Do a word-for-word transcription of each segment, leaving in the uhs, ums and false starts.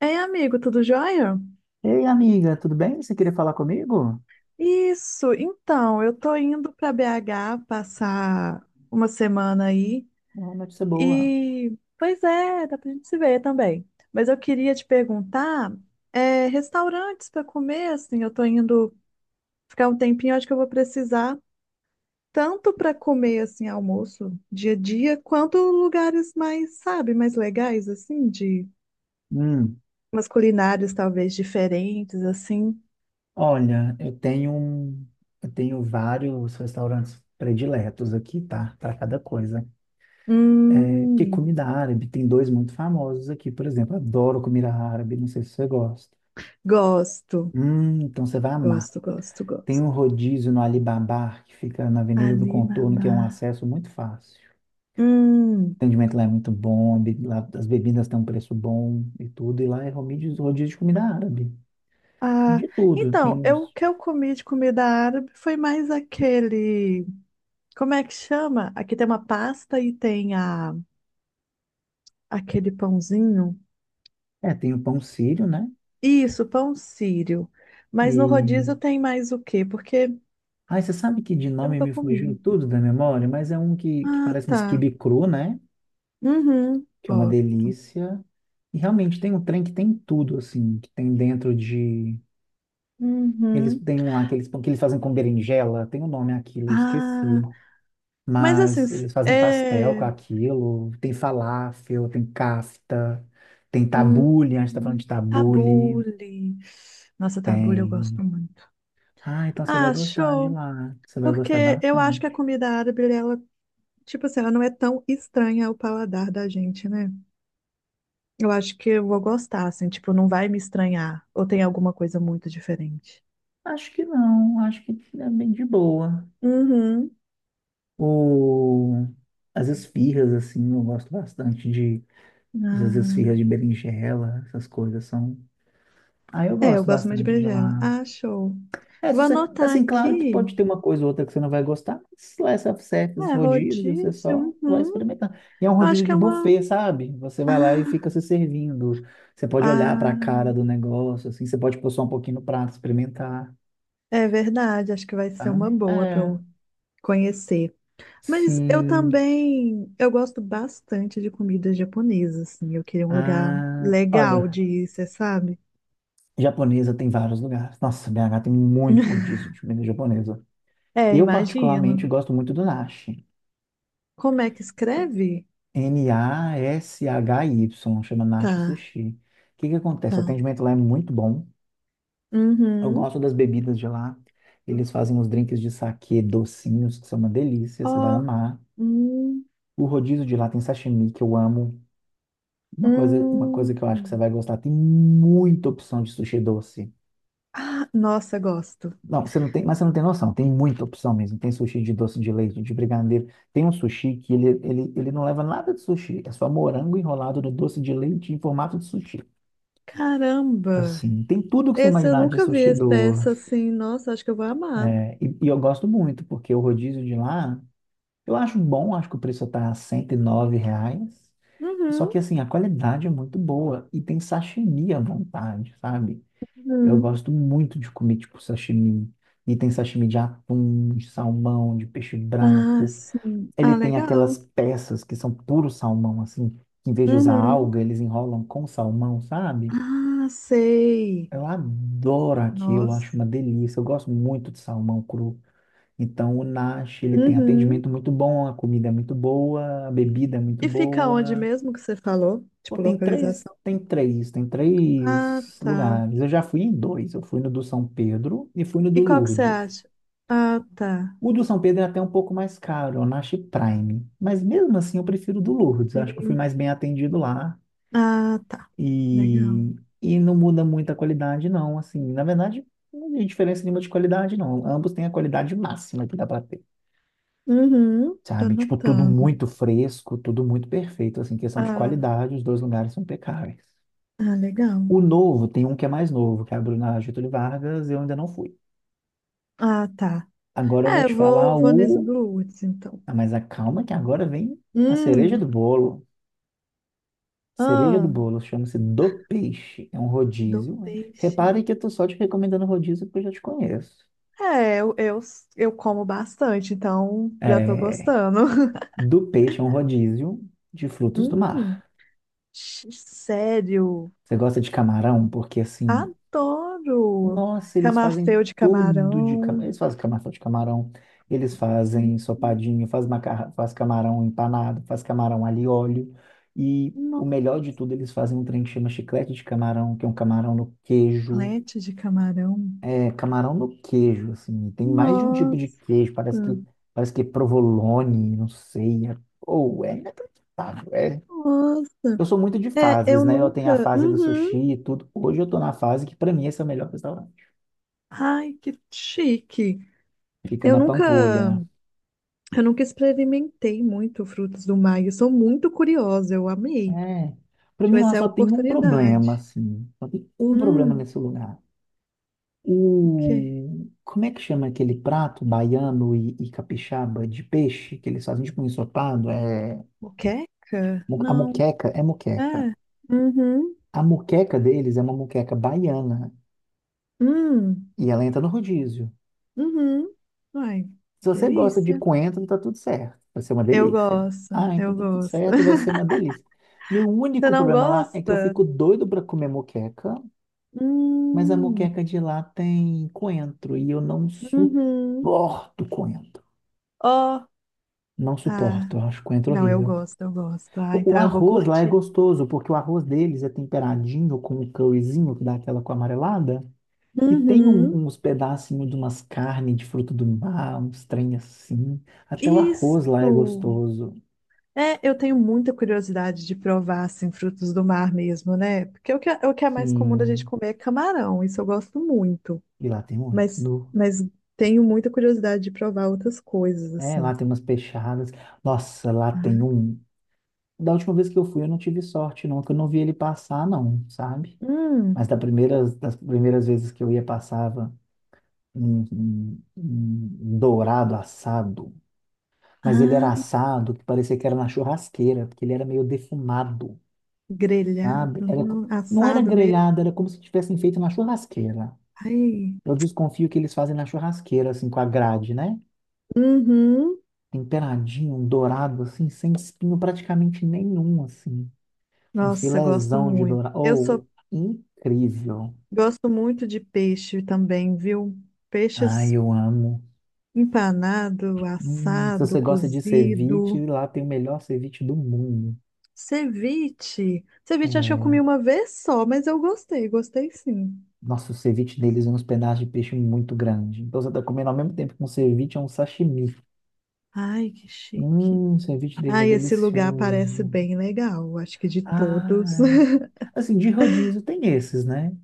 Ei, amigo, tudo jóia? Ei, amiga, tudo bem? Você queria falar comigo? Isso, então, eu tô indo pra B H passar uma semana aí Uma notícia boa. e, pois é, dá pra gente se ver também. Mas eu queria te perguntar, é, restaurantes pra comer, assim, eu tô indo ficar um tempinho, acho que eu vou precisar tanto pra comer, assim, almoço, dia a dia, quanto lugares mais, sabe, mais legais, assim, de Hum, umas culinárias talvez diferentes, assim. olha, eu tenho um, eu tenho vários restaurantes prediletos aqui, tá? Para cada coisa. É, que Hum, comida árabe, tem dois muito famosos aqui, por exemplo. Adoro comida árabe, não sei se você gosta. gosto. Hum, então você vai amar. Gosto, gosto, Tem um gosto. rodízio no Alibaba, que fica na Avenida do Contorno, Alibaba. que é um acesso muito fácil. Hum. O atendimento lá é muito bom, a be- lá as bebidas têm um preço bom e tudo, e lá é rodízio, rodízio de comida árabe. Ah, De tudo. Tem então, eu, o uns. que eu comi de comida árabe foi mais aquele. Como é que chama? Aqui tem uma pasta e tem a, aquele pãozinho. É, tem o pão sírio, né? Isso, pão sírio. Mas no E. rodízio tem mais o quê? Porque Ai, você sabe que de eu nome nunca me fugiu comi. tudo da memória, mas é um que, que Ah, parece um tá. quibe cru, né? Uhum, Que é uma gosto. delícia. E realmente tem um trem que tem tudo, assim, que tem dentro de. Eles Uhum. têm um lá que eles, que eles fazem com berinjela, tem um nome aquilo, eu esqueci. Ah, mas assim, Mas s- eles fazem pastel com é. aquilo, tem falafel, tem kafta, tem Hum, tabule, a gente tá falando de tabule, tabule. Nossa, tabule eu tem. gosto muito. Ah, então você vai Ah, gostar de show! lá. Você vai gostar Porque eu acho que a bastante. comida árabe, ela, tipo assim, ela não é tão estranha ao paladar da gente, né? Eu acho que eu vou gostar, assim, tipo, não vai me estranhar. Ou tem alguma coisa muito diferente. Acho que não, acho que é bem de boa. Uhum. O... As esfirras, assim, eu gosto bastante de essas Ah, esfirras de berinjela, essas coisas são. Ah, eu é, eu gosto gosto mais de bastante de berinjela. lá. Ah, show. É, Vou se você... anotar assim, claro que aqui. pode ter uma coisa ou outra que você não vai gostar, mas lá é self-service, esses É, rodízios, você só rodízio. vai Uhum. experimentando. E é um Eu acho rodízio que de é uma. buffet, sabe? Você Ah, vai lá e fica se servindo. Você pode olhar para a ah, cara do negócio, assim, você pode pôr só um pouquinho no prato, experimentar. é verdade. Acho que vai ser uma Sabe? boa para É, eu conhecer. Mas eu sim. também, eu gosto bastante de comidas japonesas, assim. Eu queria um lugar Ah, legal olha, de ir, você sabe? japonesa tem vários lugares. Nossa, B H tem muito rodízio de comida japonesa. É, Eu, particularmente, imagino. gosto muito do Nashi. Como é que escreve? N A S H Y, chama Nashi Tá, Sushi. O que que acontece? O tá. atendimento lá é muito bom. Eu Uhum. gosto das bebidas de lá. Eles fazem os drinks de saquê docinhos, que são uma delícia, você vai Ó, amar. hum, O rodízio de lá tem sashimi, que eu amo. Uma coisa, uma coisa que hum. eu acho que você vai gostar, tem muita opção de sushi doce. Ah, nossa, gosto. Não, você não tem, mas você não tem noção. Tem muita opção mesmo. Tem sushi de doce de leite, de brigadeiro. Tem um sushi que ele, ele, ele não leva nada de sushi. É só morango enrolado no doce de leite em formato de sushi. Caramba! Assim, tem tudo que você Esse eu imaginar de nunca vi sushi essa do... peça assim. Nossa, acho que eu vou amar. É, e, e eu gosto muito, porque o rodízio de lá, eu acho bom. Acho que o preço tá cento e nove reais. Só Uhum, que, assim, a qualidade é muito boa. E tem sashimi à vontade, sabe? Eu uhum. gosto muito de comer, tipo, sashimi. E tem sashimi de atum, de salmão, de peixe Ah, branco. sim. Ele Ah, tem aquelas legal. peças que são puro salmão, assim, que em vez de usar Uhum. alga, eles enrolam com salmão, sabe? Ah, sei. Eu adoro aquilo, acho Nossa. uma delícia. Eu gosto muito de salmão cru. Então, o Nash, ele tem Uhum. atendimento muito bom, a comida é muito boa, a bebida é muito E fica onde boa. mesmo que você falou? Pô, Tipo, tem três, localização. tem três, tem Ah, três tá. lugares. Eu já fui em dois. Eu fui no do São Pedro e fui no do E qual que você Lourdes. acha? Ah, tá. O do São Pedro é até um pouco mais caro, é o Nash Prime. Mas mesmo assim eu prefiro o do Lourdes. Acho que eu fui E- mais bem atendido lá. Ah, tá. E, Legal. e não muda muito a qualidade, não. Assim, na verdade, não tem diferença nenhuma de qualidade, não. Ambos têm a qualidade máxima que dá para ter. Uhum. Tô Sabe? Tipo, tudo anotando. muito fresco, tudo muito perfeito. Assim, questão de Ah, qualidade, os dois lugares são impecáveis. ah, legal. O novo, tem um que é mais novo, que abriu na Getúlio Vargas, eu ainda não fui. Ah, tá. Agora eu vou É, eu te vou, falar vou nesse o. Blue Woods, então. Ah, mas acalma que agora vem a cereja Hum, do bolo. Cereja do ah, bolo chama-se Do Peixe. É um do rodízio. peixe. Repare que eu tô só te recomendando rodízio porque eu já te conheço. É, eu, eu, eu como bastante, então já tô É... gostando. Do Peixe é um rodízio de frutos do Hum, mar. x- sério? Você gosta de camarão? Porque assim, Adoro! nossa, eles Camafeu fazem de tudo de camarão. camarão, Eles fazem camarão de camarão, eles fazem ensopadinho, faz macarrão, faz camarão empanado, faz camarão alho e óleo. E um o melhor de tudo, eles fazem um trem que chama chiclete de camarão, que é um camarão no queijo. omelete de camarão. É camarão no queijo, assim. Tem mais de um tipo de Nossa, queijo, parece que parece que é provolone, não sei. É, ou é inacreditável. É. Eu nossa. sou muito de É, fases, eu né? Eu tenho a nunca. fase do Uhum. sushi e tudo. Hoje eu tô na fase que pra mim esse é o melhor restaurante. Ai, que chique. Fica Eu na Pampulha. nunca, eu nunca experimentei muito frutos do mar. Eu sou muito curiosa, eu amei. É. Para Deixa eu mim ver lá se é a só tem um problema, oportunidade. assim. Só tem um problema Hum, nesse lugar. o quê? O... Como é que chama aquele prato baiano e, e capixaba de peixe que eles fazem tipo um ensopado? É... Moqueca? mu- A Não. moqueca é moqueca. É. Uhum. A moqueca deles é uma moqueca baiana Hum. e ela entra no rodízio. Uhum. Ai, Se você gosta de delícia. coentro, tá tudo certo. Vai ser uma Eu delícia. gosto, Ah, então eu tá tudo gosto. certo, vai ser uma delícia. Meu Você único não problema lá é que eu gosta? fico doido para comer moqueca. Mas a Hum, moqueca de lá tem coentro e eu não uhum. suporto coentro. Ó, Não suporto, ah, eu acho coentro não, eu horrível. gosto, eu gosto. Ah, O, o então eu vou arroz lá é curtir. gostoso, porque o arroz deles é temperadinho com um curryzinho que dá aquela com amarelada. E tem Uhum. um- uns pedacinhos de umas carnes de fruto do mar, uns trem assim. Até o arroz lá é Isso. gostoso. É, eu tenho muita curiosidade de provar, assim, frutos do mar mesmo, né? Porque o que, é- o que é mais comum da gente Sim, comer é camarão, isso eu gosto muito. e lá tem muito. Mas, No, mas tenho muita curiosidade de provar outras coisas, é, assim. lá tem umas peixadas. Nossa, lá tem Ah. um. Da última vez que eu fui, eu não tive sorte, não, que eu não vi ele passar, não, sabe? Mas Hum. da primeira, das primeiras vezes que eu ia, passava um, um- um dourado assado. Mas ele Ah, era assado, que parecia que era na churrasqueira, porque ele era meio defumado, sabe? grelhado, Era, co- não, não era assado mesmo. grelhado, era como se tivessem feito na churrasqueira. Ai, Eu desconfio que eles fazem na churrasqueira, assim, com a grade, né? uhum. Temperadinho, um dourado, assim, sem espinho praticamente nenhum, assim. Um Nossa, gosto filézão de muito. dourado. Eu Oh, sou, incrível. gosto muito de peixe também, viu? Ai, Peixes eu amo. empanado, Hum, se assado, você gosta de cozido, ceviche, lá tem o melhor ceviche do mundo. ceviche. Ceviche acho que eu comi É, uma vez só, mas eu gostei, gostei sim. nossa, o ceviche deles é uns pedaços de peixe muito grande. Então você está comendo ao mesmo tempo que um ceviche é um sashimi. Ai, que chique. Hum, o ceviche deles é Ai, esse lugar parece delicioso. bem legal, acho que de todos. Ai. Assim, de rodízio tem esses, né?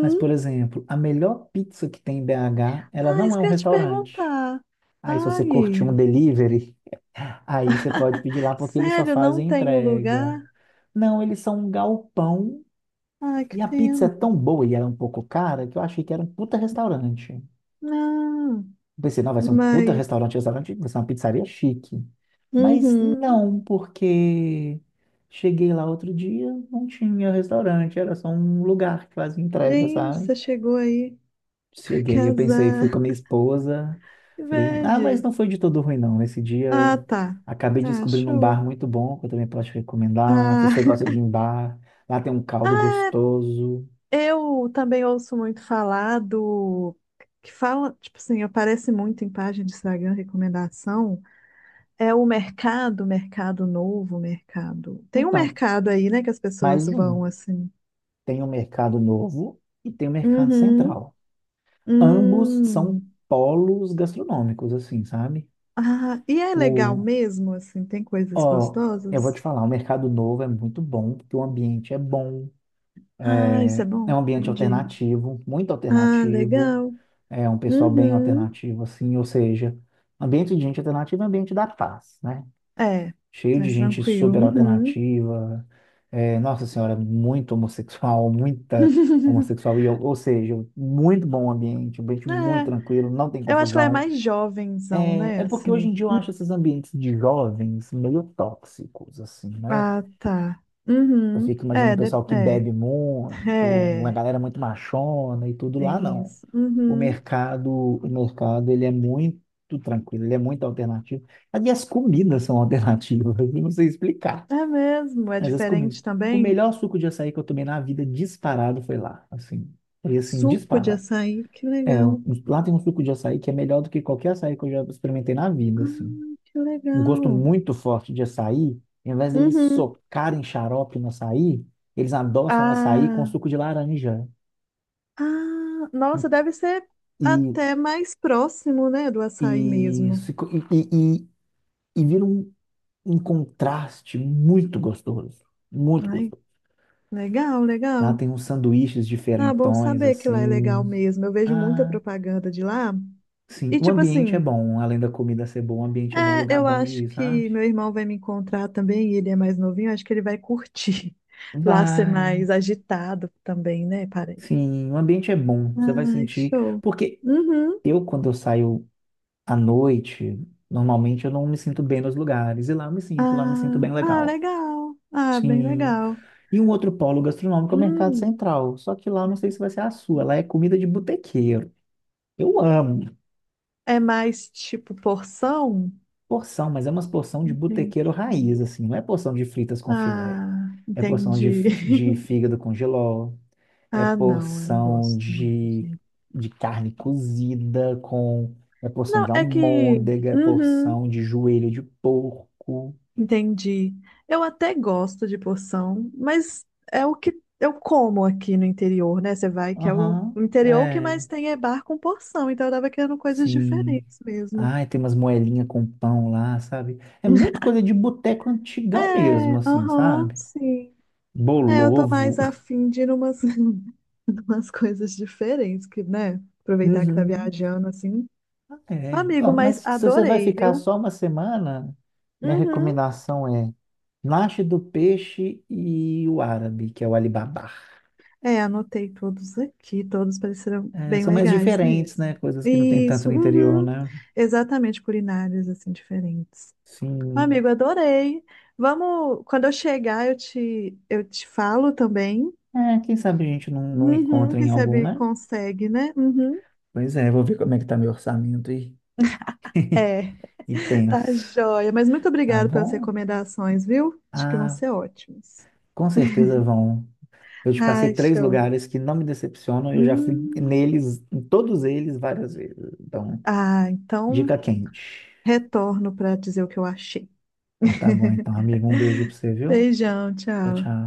Mas, por exemplo, a melhor pizza que tem em B H, ela Ah, não isso é um que eu ia te restaurante. perguntar. Aí, se você curtir Ai, um delivery, aí você pode pedir lá porque eles só sério, não fazem tem o entrega. lugar? Não, eles são um galpão Ai, que e a pizza é pena. tão boa e era um pouco cara que eu achei que era um puta restaurante. Eu Ah. pensei, não, vai ser um puta Mas, restaurante, restaurante, vai ser uma pizzaria chique. Mas uhum. não, porque cheguei lá outro dia, não tinha restaurante, era só um lugar que fazia entrega, Gente, você sabe? chegou aí. Que Cheguei, eu pensei, fui azar. com a minha esposa. Que Falei, bad. ah, mas não foi de todo ruim, não. Esse Ah, dia tá. acabei Ah, descobrindo um bar show. muito bom que eu também posso te recomendar. Se você Ah, gosta de ir em bar, lá tem um caldo ah, gostoso. eu também ouço muito falar do. Que fala, tipo assim, aparece muito em página de Instagram, recomendação. É o mercado, mercado novo, mercado. Tem um Então, mercado aí, né, que as mais pessoas de um. vão assim. Tem o Mercado Novo e tem o Mercado Uhum. Central. Ambos são Hum. polos gastronômicos, assim, sabe? Ah, e é legal O, mesmo, assim, tem coisas ó, eu vou gostosas? te falar, o Mercado Novo é muito bom, porque o ambiente é bom. Ah, isso é bom, É um ambiente entendi. alternativo, muito Ah, alternativo, legal. é um pessoal bem Uhum. alternativo, assim, ou seja, ambiente de gente alternativa é ambiente da paz, né? É, Cheio de mais gente tranquilo. super Uhum. alternativa, é, nossa senhora, muito homossexual, muita homossexual, e eu- ou seja, muito bom ambiente, um ambiente muito É, tranquilo, não tem eu acho que ela é confusão. mais jovenzão, É, é né? porque hoje em Assim. dia eu Hum, acho esses ambientes de jovens meio tóxicos, assim, né? Ah, tá. Eu Uhum. fico imaginando o É, de- pessoal que é, bebe muito, uma é, galera muito machona e tudo lá, tem não. isso. O Uhum. mercado, o mercado, ele é muito tranquilo, ele é muito alternativo. E as comidas são alternativas, eu não sei explicar, É mesmo, é mas as comidas. diferente O também. melhor suco de açaí que eu tomei na vida disparado foi lá, assim, foi assim, Suco de disparado. açaí, que É, legal. um, lá tem um suco de açaí que é melhor do que qualquer açaí que eu já experimentei na vida, assim Ah, que um gosto legal. muito forte de açaí, ao invés deles Uhum. socarem xarope no açaí, eles adoçam o açaí com Ah. suco de laranja. Ah, nossa, deve ser E, até mais próximo, né, do açaí e, mesmo. se co- e, e, e- e vira um, um contraste muito gostoso. Muito Ai, gostoso. legal, Lá legal. tem uns sanduíches Ah, bom diferentões, saber que lá é legal assim. mesmo. Eu vejo muita Ah, propaganda de lá. sim. E O tipo ambiente assim, é bom, além da comida ser boa, o ambiente é bom, um é, lugar eu bom de acho ir, que sabe? meu irmão vai me encontrar também, e ele é mais novinho, acho que ele vai curtir lá ser Vai. mais agitado também, né, parece. Sim, o ambiente é bom. Você vai Ai, sentir. show. Porque Uhum. eu, quando eu saio, à noite, normalmente eu não me sinto bem nos lugares, e lá eu me sinto, lá eu me sinto Ah, bem ah, legal. legal. Ah, bem Sim. legal. E um outro polo gastronômico é o Mercado Hum. Central, só que lá eu não sei se vai ser a sua, lá é comida de botequeiro. Eu amo É mais tipo porção? porção, mas é umas porção de Entendi. botequeiro raiz, assim, não é porção de fritas com filé, Ah, é porção de, entendi. f- de fígado com jiló, é Ah, não, eu não porção gosto muito de, de. de carne cozida com, é porção Não, de é que. almôndega, é Uhum, porção de joelho de porco. entendi. Eu até gosto de porção, mas é o que eu como aqui no interior, né? Você vai que é o Aham, o interior o que é, mais tem é bar com porção, então eu tava querendo coisas sim. diferentes mesmo. Ai, tem umas moelinhas com pão lá, sabe? É muito coisa de boteco antigão mesmo, É, assim, aham, sabe? sim. É, eu tô Bolovo. mais afim de ir numas, numas coisas diferentes, que, né? Aproveitar que tá Uhum, viajando assim. é. Ó, Amigo, mas mas se você vai adorei, ficar viu? só uma semana, minha Uhum. recomendação é Nache do Peixe e o Árabe, que é o Alibaba. É, anotei todos aqui, todos pareceram É, bem são mais legais diferentes, né? mesmo. Coisas que não tem tanto Isso, no interior, uhum. né? Exatamente, culinárias assim diferentes. Amigo, Sim. adorei. Vamos, quando eu chegar, eu te, eu te falo também. É, quem sabe a gente não, não Uhum. encontra em Quem algum, sabe né? consegue, né? Uhum. Pois é, vou ver como é que tá meu orçamento e É. e Tá penso, joia. Mas muito ah, obrigada pelas bom, recomendações, viu? Acho que vão ah, ser ótimas. com certeza vão. Eu te passei Ai, três show. lugares que não me decepcionam, eu já fui Hum, neles, em todos eles, várias vezes. Então, ah, então. dica quente. Retorno para dizer o que eu achei. Então tá bom, então, amigo, um beijo pra você, viu? Beijão, Tchau, tchau. tchau.